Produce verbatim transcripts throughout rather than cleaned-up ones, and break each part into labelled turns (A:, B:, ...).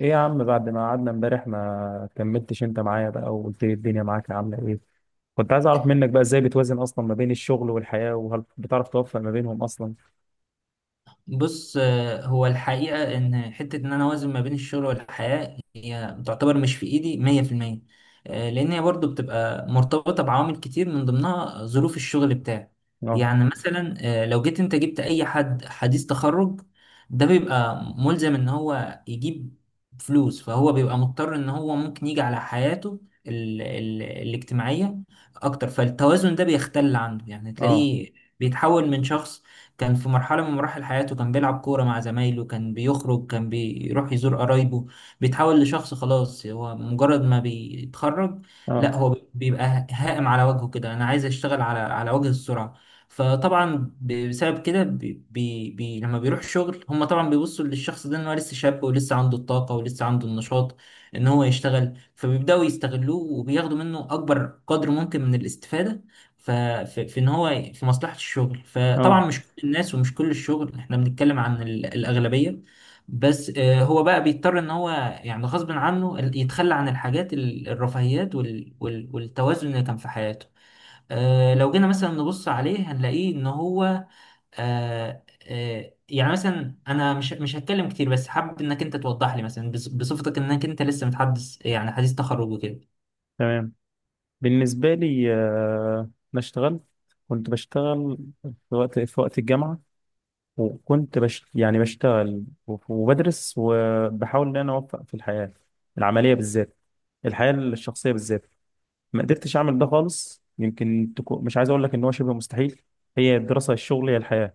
A: ايه يا عم، بعد ما قعدنا امبارح ما كملتش انت معايا بقى وقلت لي الدنيا معاك عامله ايه؟ كنت عايز اعرف منك بقى ازاي بتوازن اصلا ما بين الشغل والحياه، وهل بتعرف توفق ما بينهم اصلا؟
B: بص، آه، هو الحقيقة إن حتة إن أنا أوازن ما بين الشغل والحياة هي تعتبر مش في إيدي مية في المية. آه، لأن هي برضو بتبقى مرتبطة بعوامل كتير من ضمنها ظروف الشغل بتاعي.
A: اه.
B: يعني مثلا آه، لو جيت أنت جبت أي حد حديث تخرج، ده بيبقى ملزم إن هو يجيب فلوس، فهو بيبقى مضطر إن هو ممكن يجي على حياته ال ال الاجتماعية أكتر، فالتوازن ده بيختل عنده، يعني
A: اه.
B: تلاقيه بيتحول من شخص كان في مرحلة من مراحل حياته كان بيلعب كورة مع زمايله، كان بيخرج، كان بيروح يزور قرايبه، بيتحول لشخص خلاص هو مجرد ما بيتخرج، لا
A: اه.
B: هو بيبقى هائم على وجهه كده، أنا عايز أشتغل على على وجه السرعة. فطبعا بسبب كده بي بي بي لما بيروح شغل، هم طبعا بيبصوا للشخص ده ان هو لسه شاب، ولسه عنده الطاقة، ولسه عنده النشاط ان هو يشتغل، فبيبدأوا يستغلوه وبياخدوا منه اكبر قدر ممكن من الاستفادة ففي في ان هو في مصلحة الشغل. فطبعا
A: اه.
B: مش كل الناس ومش كل الشغل، احنا بنتكلم عن ال- الأغلبية. بس آه، هو بقى بيضطر ان هو يعني غصب عنه ال- يتخلى عن الحاجات ال- الرفاهيات وال- وال- والتوازن اللي كان في حياته. آه، لو جينا مثلا نبص عليه هنلاقيه ان هو آه، آه، يعني مثلا انا مش مش هتكلم كتير، بس حابب انك انت توضح لي مثلا بص- بصفتك انك انت لسه متحدث، يعني حديث تخرج وكده.
A: تمام. بالنسبه لي، آه، انا اشتغلت. كنت بشتغل في وقت في وقت الجامعه، وكنت بش يعني بشتغل وبدرس وبحاول ان انا اوفق في الحياه العمليه بالذات الحياه الشخصيه بالذات. ما قدرتش اعمل ده خالص، يمكن تكون، مش عايز اقول لك ان هو شبه مستحيل. هي الدراسه، الشغل، هي الحياه،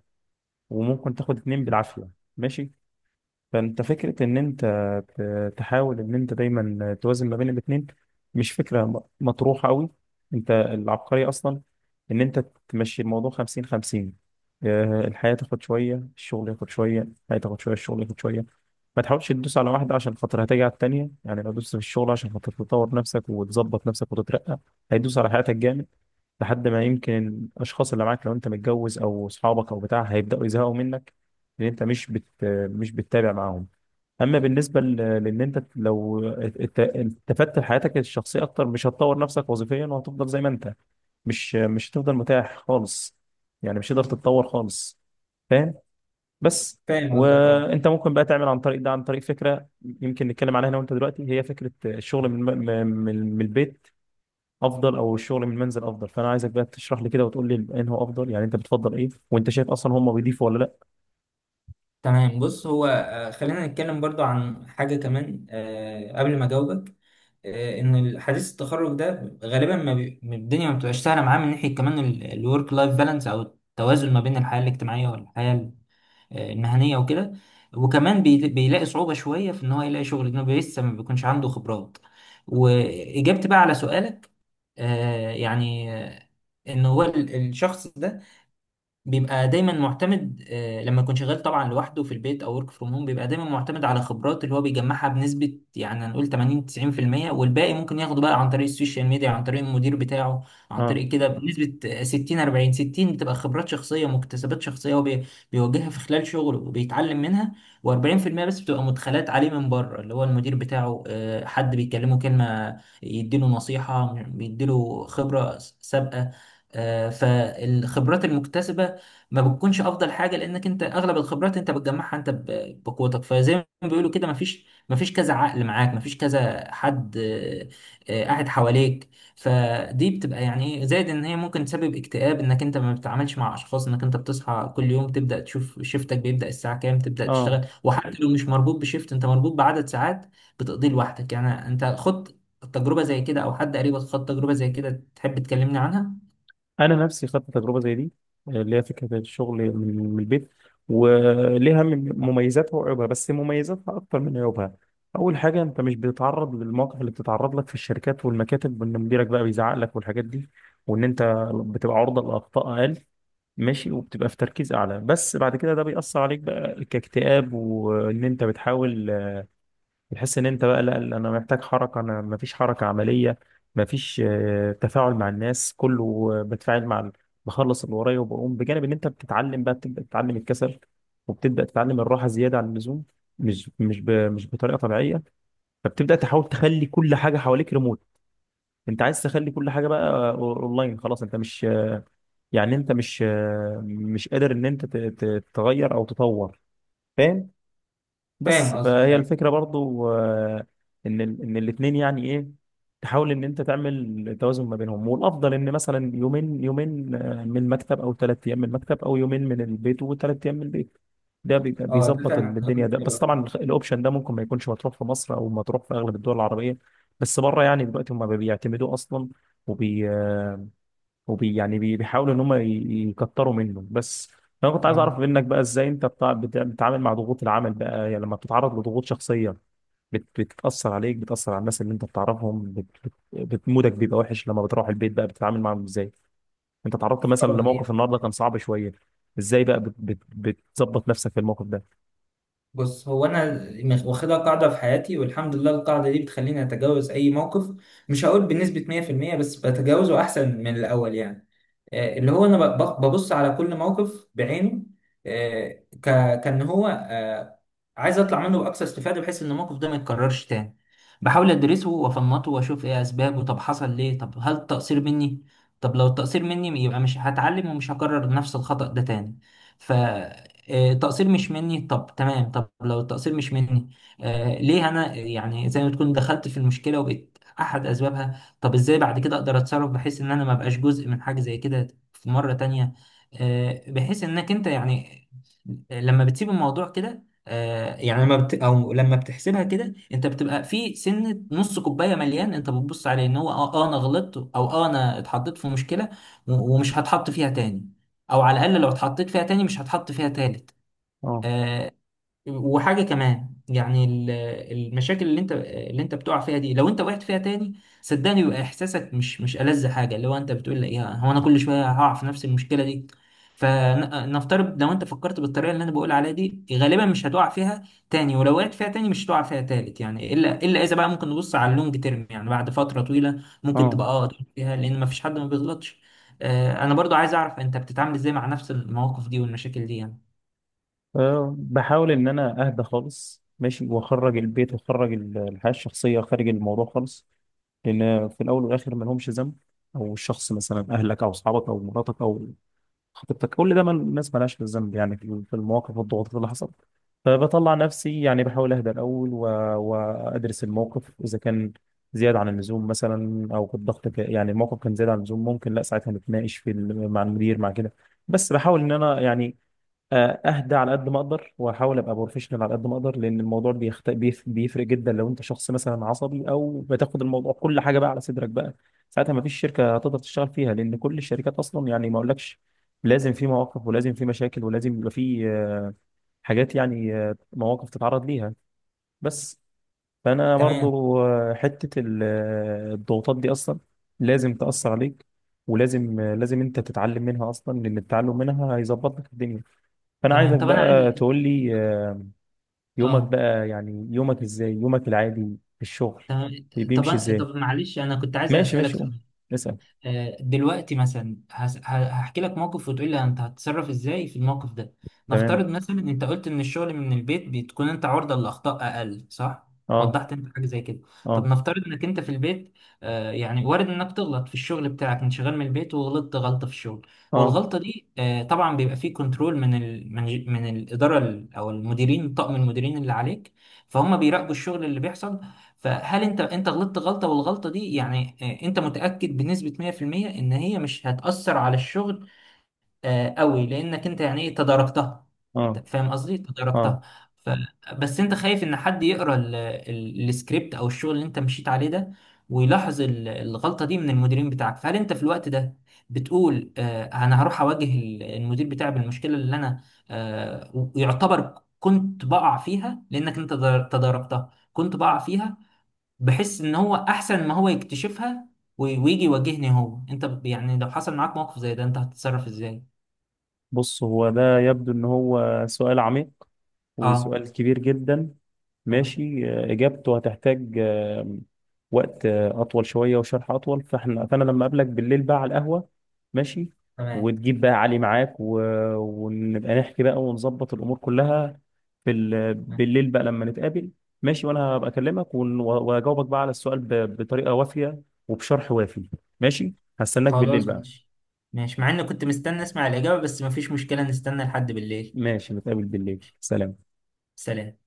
A: وممكن تاخد اتنين بالعافيه. ماشي. فانت فكرة ان انت ت- تحاول ان انت دايما توازن ما بين الاتنين مش فكرة م- مطروحة قوي. انت العبقرية اصلا ان انت تمشي الموضوع خمسين خمسين. آه، الحياة تاخد شوية، الشغل ياخد شوية، الحياة تاخد شوية، الشغل ياخد شوية. ما تحاولش تدوس على واحدة عشان خاطر هتيجي على التانية. يعني لو دوست في الشغل عشان خاطر تطور نفسك وتظبط نفسك وتترقى، هيدوس على حياتك جامد، لحد ما يمكن الأشخاص اللي معاك، لو أنت متجوز أو أصحابك أو بتاع، هيبدأوا يزهقوا منك، لأن أنت مش بت... مش بتتابع معاهم. اما بالنسبه ل- لان انت لو ات- التفت لحياتك الشخصيه اكتر مش هتطور نفسك وظيفيا، وهتفضل زي ما انت. مش مش هتفضل متاح خالص، يعني مش هتقدر تتطور خالص. فاهم؟ بس.
B: فاهم قصدك، اه.
A: وانت ممكن بقى تعمل عن طريق ده، عن طريق فكره يمكن نتكلم عليها انا وانت دلوقتي، هي فكره الشغل من الم- من من البيت افضل، او الشغل من المنزل افضل. فانا عايزك بقى تشرح لي كده وتقول لي انه افضل، يعني انت بتفضل ايه، وانت شايف اصلا هم بيضيفوا ولا لا؟
B: تمام، بص هو آه، خلينا نتكلم برضو عن حاجة كمان آه، قبل ما أجاوبك. آه، إن حديث التخرج ده غالبا ما بي... ما الدنيا ما بتبقاش سهلة معاه من ناحية كمان الورك لايف بالانس أو التوازن ما بين الحياة الاجتماعية والحياة ال- آه، المهنية وكده، وكمان بي... بيلاقي صعوبة شوية في إن هو يلاقي شغل لأنه لسه ما بيكونش عنده خبرات. وإجابتي بقى على سؤالك، آه، يعني آه، إن هو ال- الشخص ده بيبقى دايما معتمد، آه، لما يكون شغال طبعا لوحده في البيت او ورك فروم هوم، بيبقى دايما معتمد على خبرات اللي هو بيجمعها بنسبه يعني هنقول ثمانين تسعين في المية والباقي ممكن ياخده بقى عن طريق السوشيال ميديا، عن طريق المدير بتاعه، عن
A: اه.
B: طريق كده بنسبه آه، ستين أربعين ستين بتبقى خبرات شخصيه، مكتسبات شخصيه هو بي- بيواجهها في خلال شغله وبيتعلم منها، و40% بس بتبقى مدخلات عليه من بره، اللي هو المدير بتاعه، آه، حد بيكلمه كلمه، يديله نصيحه، بيديله خبره سابقه. آه، فالخبرات المكتسبة ما بتكونش افضل حاجه، لانك انت اغلب الخبرات انت بتجمعها انت ب- بقوتك. فزي ما بيقولوا كده، ما فيش ما فيش كذا عقل معاك، ما فيش كذا حد آه، آه، قاعد حواليك. فدي بتبقى يعني ايه زائد، ان هي ممكن تسبب اكتئاب، انك انت ما بتتعاملش مع اشخاص، انك انت بتصحى كل يوم تبدا تشوف شيفتك بيبدا الساعه كام، تبدا
A: اه.
B: تشتغل، وحتى لو مش مربوط بشيفت، انت مربوط بعدد ساعات بتقضيه لوحدك. يعني انت خدت تجربه زي كده او حد قريبك خد تجربه زي كده تحب تكلمني عنها؟
A: انا نفسي خدت تجربه زي دي، آه، اللي هي فكره الشغل من من البيت، وليها من مميزاتها وعيوبها، بس مميزاتها اكتر من عيوبها. اول حاجه، انت مش بتتعرض للمواقف اللي بتتعرض لك في الشركات والمكاتب، وان مديرك بقى بيزعق لك والحاجات دي، وان انت بتبقى عرضه لاخطاء اقل. ماشي. وبتبقى في تركيز اعلى. بس بعد كده ده بيأثر عليك بقى كاكتئاب، وان انت بتحاول تحس ان انت بقى، لا لا، انا محتاج حركه، انا مفيش حركه عمليه. مفيش آه، تفاعل مع الناس كله. آه، بتفاعل مع ال- بخلص اللي ورايا وبقوم، بجانب ان انت بتتعلم بقى، بتبدا تتعلم الكسل وبتبدا تتعلم الراحه زياده عن اللزوم، مش مش ب... مش بطريقه طبيعيه. فبتبدا تحاول تخلي كل حاجه حواليك ريموت، انت عايز تخلي كل حاجه بقى آه، اونلاين. خلاص، انت مش يعني انت مش آه، مش قادر ان انت ت- ت- تغير او تطور. فاهم؟
B: فاهم
A: بس
B: قصدك،
A: فهي
B: ايوه.
A: الفكرة برضو، آه، ان ال- ان الاتنين يعني ايه تحاول ان انت تعمل توازن ما بينهم. والافضل ان مثلا يومين يومين آه، من المكتب، او ثلاث ايام من المكتب، او يومين من البيت وثلاث ايام من البيت. ده بيبقى
B: اه ده
A: بيظبط
B: فعلا
A: ال- الدنيا
B: كلام
A: ده. بس
B: حلو أوي.
A: طبعا الخ- الاوبشن ده ممكن ما يكونش مطروح في مصر، او مطروح في اغلب الدول العربية. بس بره، يعني دلوقتي هم بيعتمدوه اصلا، وبي يعني بي- بيحاولوا ان هم ي- يكتروا منه بس. فانا كنت عايز
B: اه
A: اعرف منك بقى ازاي انت بتع- بت- بتتعامل مع ضغوط العمل بقى. يعني لما بتتعرض لضغوط شخصيه، بت- بتتاثر عليك، بتاثر على الناس اللي انت بتعرفهم، بت- بت- بت- مودك بيبقى وحش، لما بتروح البيت بقى بتتعامل معاهم ازاي؟ انت تعرضت مثلا
B: آه، هي-
A: لموقف النهارده كان صعب شويه، ازاي بقى بت- بت- بتظبط نفسك في الموقف ده؟
B: بص هو انا مخ- واخدها قاعده في حياتي، والحمد لله القاعده دي بتخليني اتجاوز اي موقف، مش هقول بنسبه مية بالمية، بس بتجاوزه احسن من الاول يعني. آه، اللي هو انا ب- ب- ببص على كل موقف بعينه، آه، ك- كان هو آه، عايز اطلع منه باقصى استفاده بحيث ان الموقف ده ما يتكررش تاني، بحاول ادرسه وافنطه واشوف ايه اسبابه، طب حصل ليه؟ طب هل التقصير مني؟ طب لو التقصير مني يبقى مش هتعلم، ومش هكرر نفس الخطأ ده تاني. ف آه، التقصير مش مني، طب تمام، طب لو التقصير مش مني، آه ليه انا يعني زي ما تكون دخلت في المشكله وبقيت احد اسبابها، طب ازاي بعد كده اقدر اتصرف بحيث ان انا ما ابقاش جزء من حاجه زي كده في مره تانية؟ آه بحيث انك انت يعني لما بتسيب الموضوع كده، آه يعني لما بت او لما بتحسبها كده انت بتبقى في سنه نص كوبايه مليان، انت بتبص عليه ان هو اه آه، انا غلطت، او اه انا اتحطيت في مشكله و- ومش هتحط فيها تاني، او على الاقل لو اتحطيت فيها تاني مش هتحط فيها تالت.
A: اه.
B: آه، وحاجة كمان يعني ال- المشاكل اللي انت اللي انت بتقع فيها دي، لو انت وقعت فيها تاني صدقني بيبقى احساسك مش مش ألذ حاجة، اللي هو انت بتقول لي يا هو انا كل شوية هقع في نفس المشكلة دي. فنفترض لو انت فكرت بالطريقة اللي انا بقول عليها دي غالبا مش هتقع فيها تاني، ولو وقعت فيها تاني مش هتقع فيها تالت، يعني الا الا اذا بقى ممكن نبص على اللونج تيرم يعني بعد فترة طويلة ممكن
A: اه.
B: تبقى اه تقع فيها لان مفيش حد ما بيغلطش. آه، انا برضو عايز اعرف انت بتتعامل ازاي مع نفس المواقف دي والمشاكل دي يعني؟
A: أه، بحاول إن أنا أهدى خالص. ماشي. وأخرج البيت، وأخرج ال- الحياة الشخصية خارج الموضوع خالص، لأن في الأول والآخر ما لهمش ذنب، أو الشخص، مثلا أهلك أو أصحابك أو مراتك أو خطيبتك، كل ده، ما الناس ما لهاش ذنب يعني في في المواقف والضغوطات اللي حصلت. فبطلع نفسي، يعني بحاول أهدى الأول، و... وأدرس الموقف إذا كان زيادة عن اللزوم مثلا، أو كان الضغط ك- يعني الموقف كان زيادة عن اللزوم، ممكن لا ساعتها نتناقش في ال- مع المدير، مع كده. بس بحاول إن أنا، يعني آه، اهدى على قد ما اقدر، واحاول ابقى بروفيشنال على قد ما اقدر، لان الموضوع بيخت... بيف... بيفرق جدا لو انت شخص مثلا عصبي، او بتاخد الموضوع كل حاجه بقى على صدرك بقى. ساعتها ما فيش شركه هتقدر تشتغل فيها، لان كل الشركات اصلا، يعني ما اقولكش، لازم في مواقف، ولازم في مشاكل، ولازم يبقى في آه، حاجات، يعني آه، مواقف تتعرض ليها بس. فانا
B: تمام.
A: برضو، آه، حته ال- آه، الضغوطات دي اصلا لازم تاثر عليك، ولازم آه، لازم انت تتعلم منها اصلا، لان التعلم منها هيظبط لك الدنيا. فانا
B: تمام،
A: عايزك
B: طب انا عايز،
A: بقى تقول لي آه، يومك
B: اه.
A: بقى، يعني يومك ازاي، يومك العادي في الشغل
B: تمام.
A: بي- بيمشي
B: طب
A: ازاي؟
B: طب معلش انا كنت عايز
A: ماشي
B: اسالك
A: ماشي، قول،
B: سؤال.
A: اسال.
B: آه، دلوقتي مثلا هس- ه- هحكي لك موقف وتقول لي انت هتتصرف ازاي في الموقف ده.
A: تمام.
B: نفترض مثلا انت قلت ان الشغل من البيت بتكون انت عرضة للاخطاء اقل، صح؟
A: اه.
B: وضحت انت حاجه زي كده. طب
A: اه.
B: نفترض انك انت في البيت، آه، يعني وارد انك تغلط في الشغل بتاعك، انت شغال من البيت وغلطت غلطه في الشغل،
A: اه.
B: والغلطه دي آه، طبعا بيبقى فيه كنترول من ال من ج- من الاداره ال- او المديرين، طاقم المديرين اللي عليك، فهم بيراقبوا الشغل اللي بيحصل. فهل انت انت غلطت غلطه والغلطه دي يعني آه، انت متاكد بنسبه مية بالمية ان هي مش هتاثر على الشغل آه، قوي لانك انت يعني ايه تداركتها،
A: اه.
B: أنت فاهم قصدي، تداركتها.
A: اه.
B: ف... بس انت خايف ان حد يقرا ال... ال... السكريبت او الشغل اللي انت مشيت عليه ده ويلاحظ ال- الغلطه دي من المديرين بتاعك. فهل انت في الوقت ده بتقول آه، انا هروح اواجه ال- المدير بتاعي بالمشكله اللي انا آه، ويعتبر كنت بقع فيها لانك انت تداركتها، كنت بقع فيها، بحس ان هو احسن ما هو يكتشفها وي- ويجي يواجهني هو انت ب- يعني لو حصل معاك موقف زي ده انت هتتصرف ازاي؟
A: بص، هو ده يبدو ان هو سؤال عميق،
B: اه.
A: وسؤال كبير جدا.
B: اه
A: ماشي. آه، اجابته هتحتاج آه، وقت آه، اطول شويه، وشرح اطول. فاحنا فانا لما اقابلك بالليل بقى على القهوه. ماشي.
B: تمام.
A: وتجيب بقى علي معاك، و... ونبقى نحكي بقى، ونظبط الامور كلها في ال...
B: تمام.
A: بالليل بقى لما نتقابل. ماشي. وانا هبقى اكلمك ون... واجاوبك بقى على السؤال ب... بطريقه وافيه، وبشرح وافي. ماشي. هستناك بالليل
B: خلاص
A: بقى.
B: ماشي. ماشي مع اني كنت مستني اسمع الاجابة، بس مفيش مشكلة نستنى لحد بالليل.
A: ماشي. نتقابل بالليل. سلام.
B: سلام.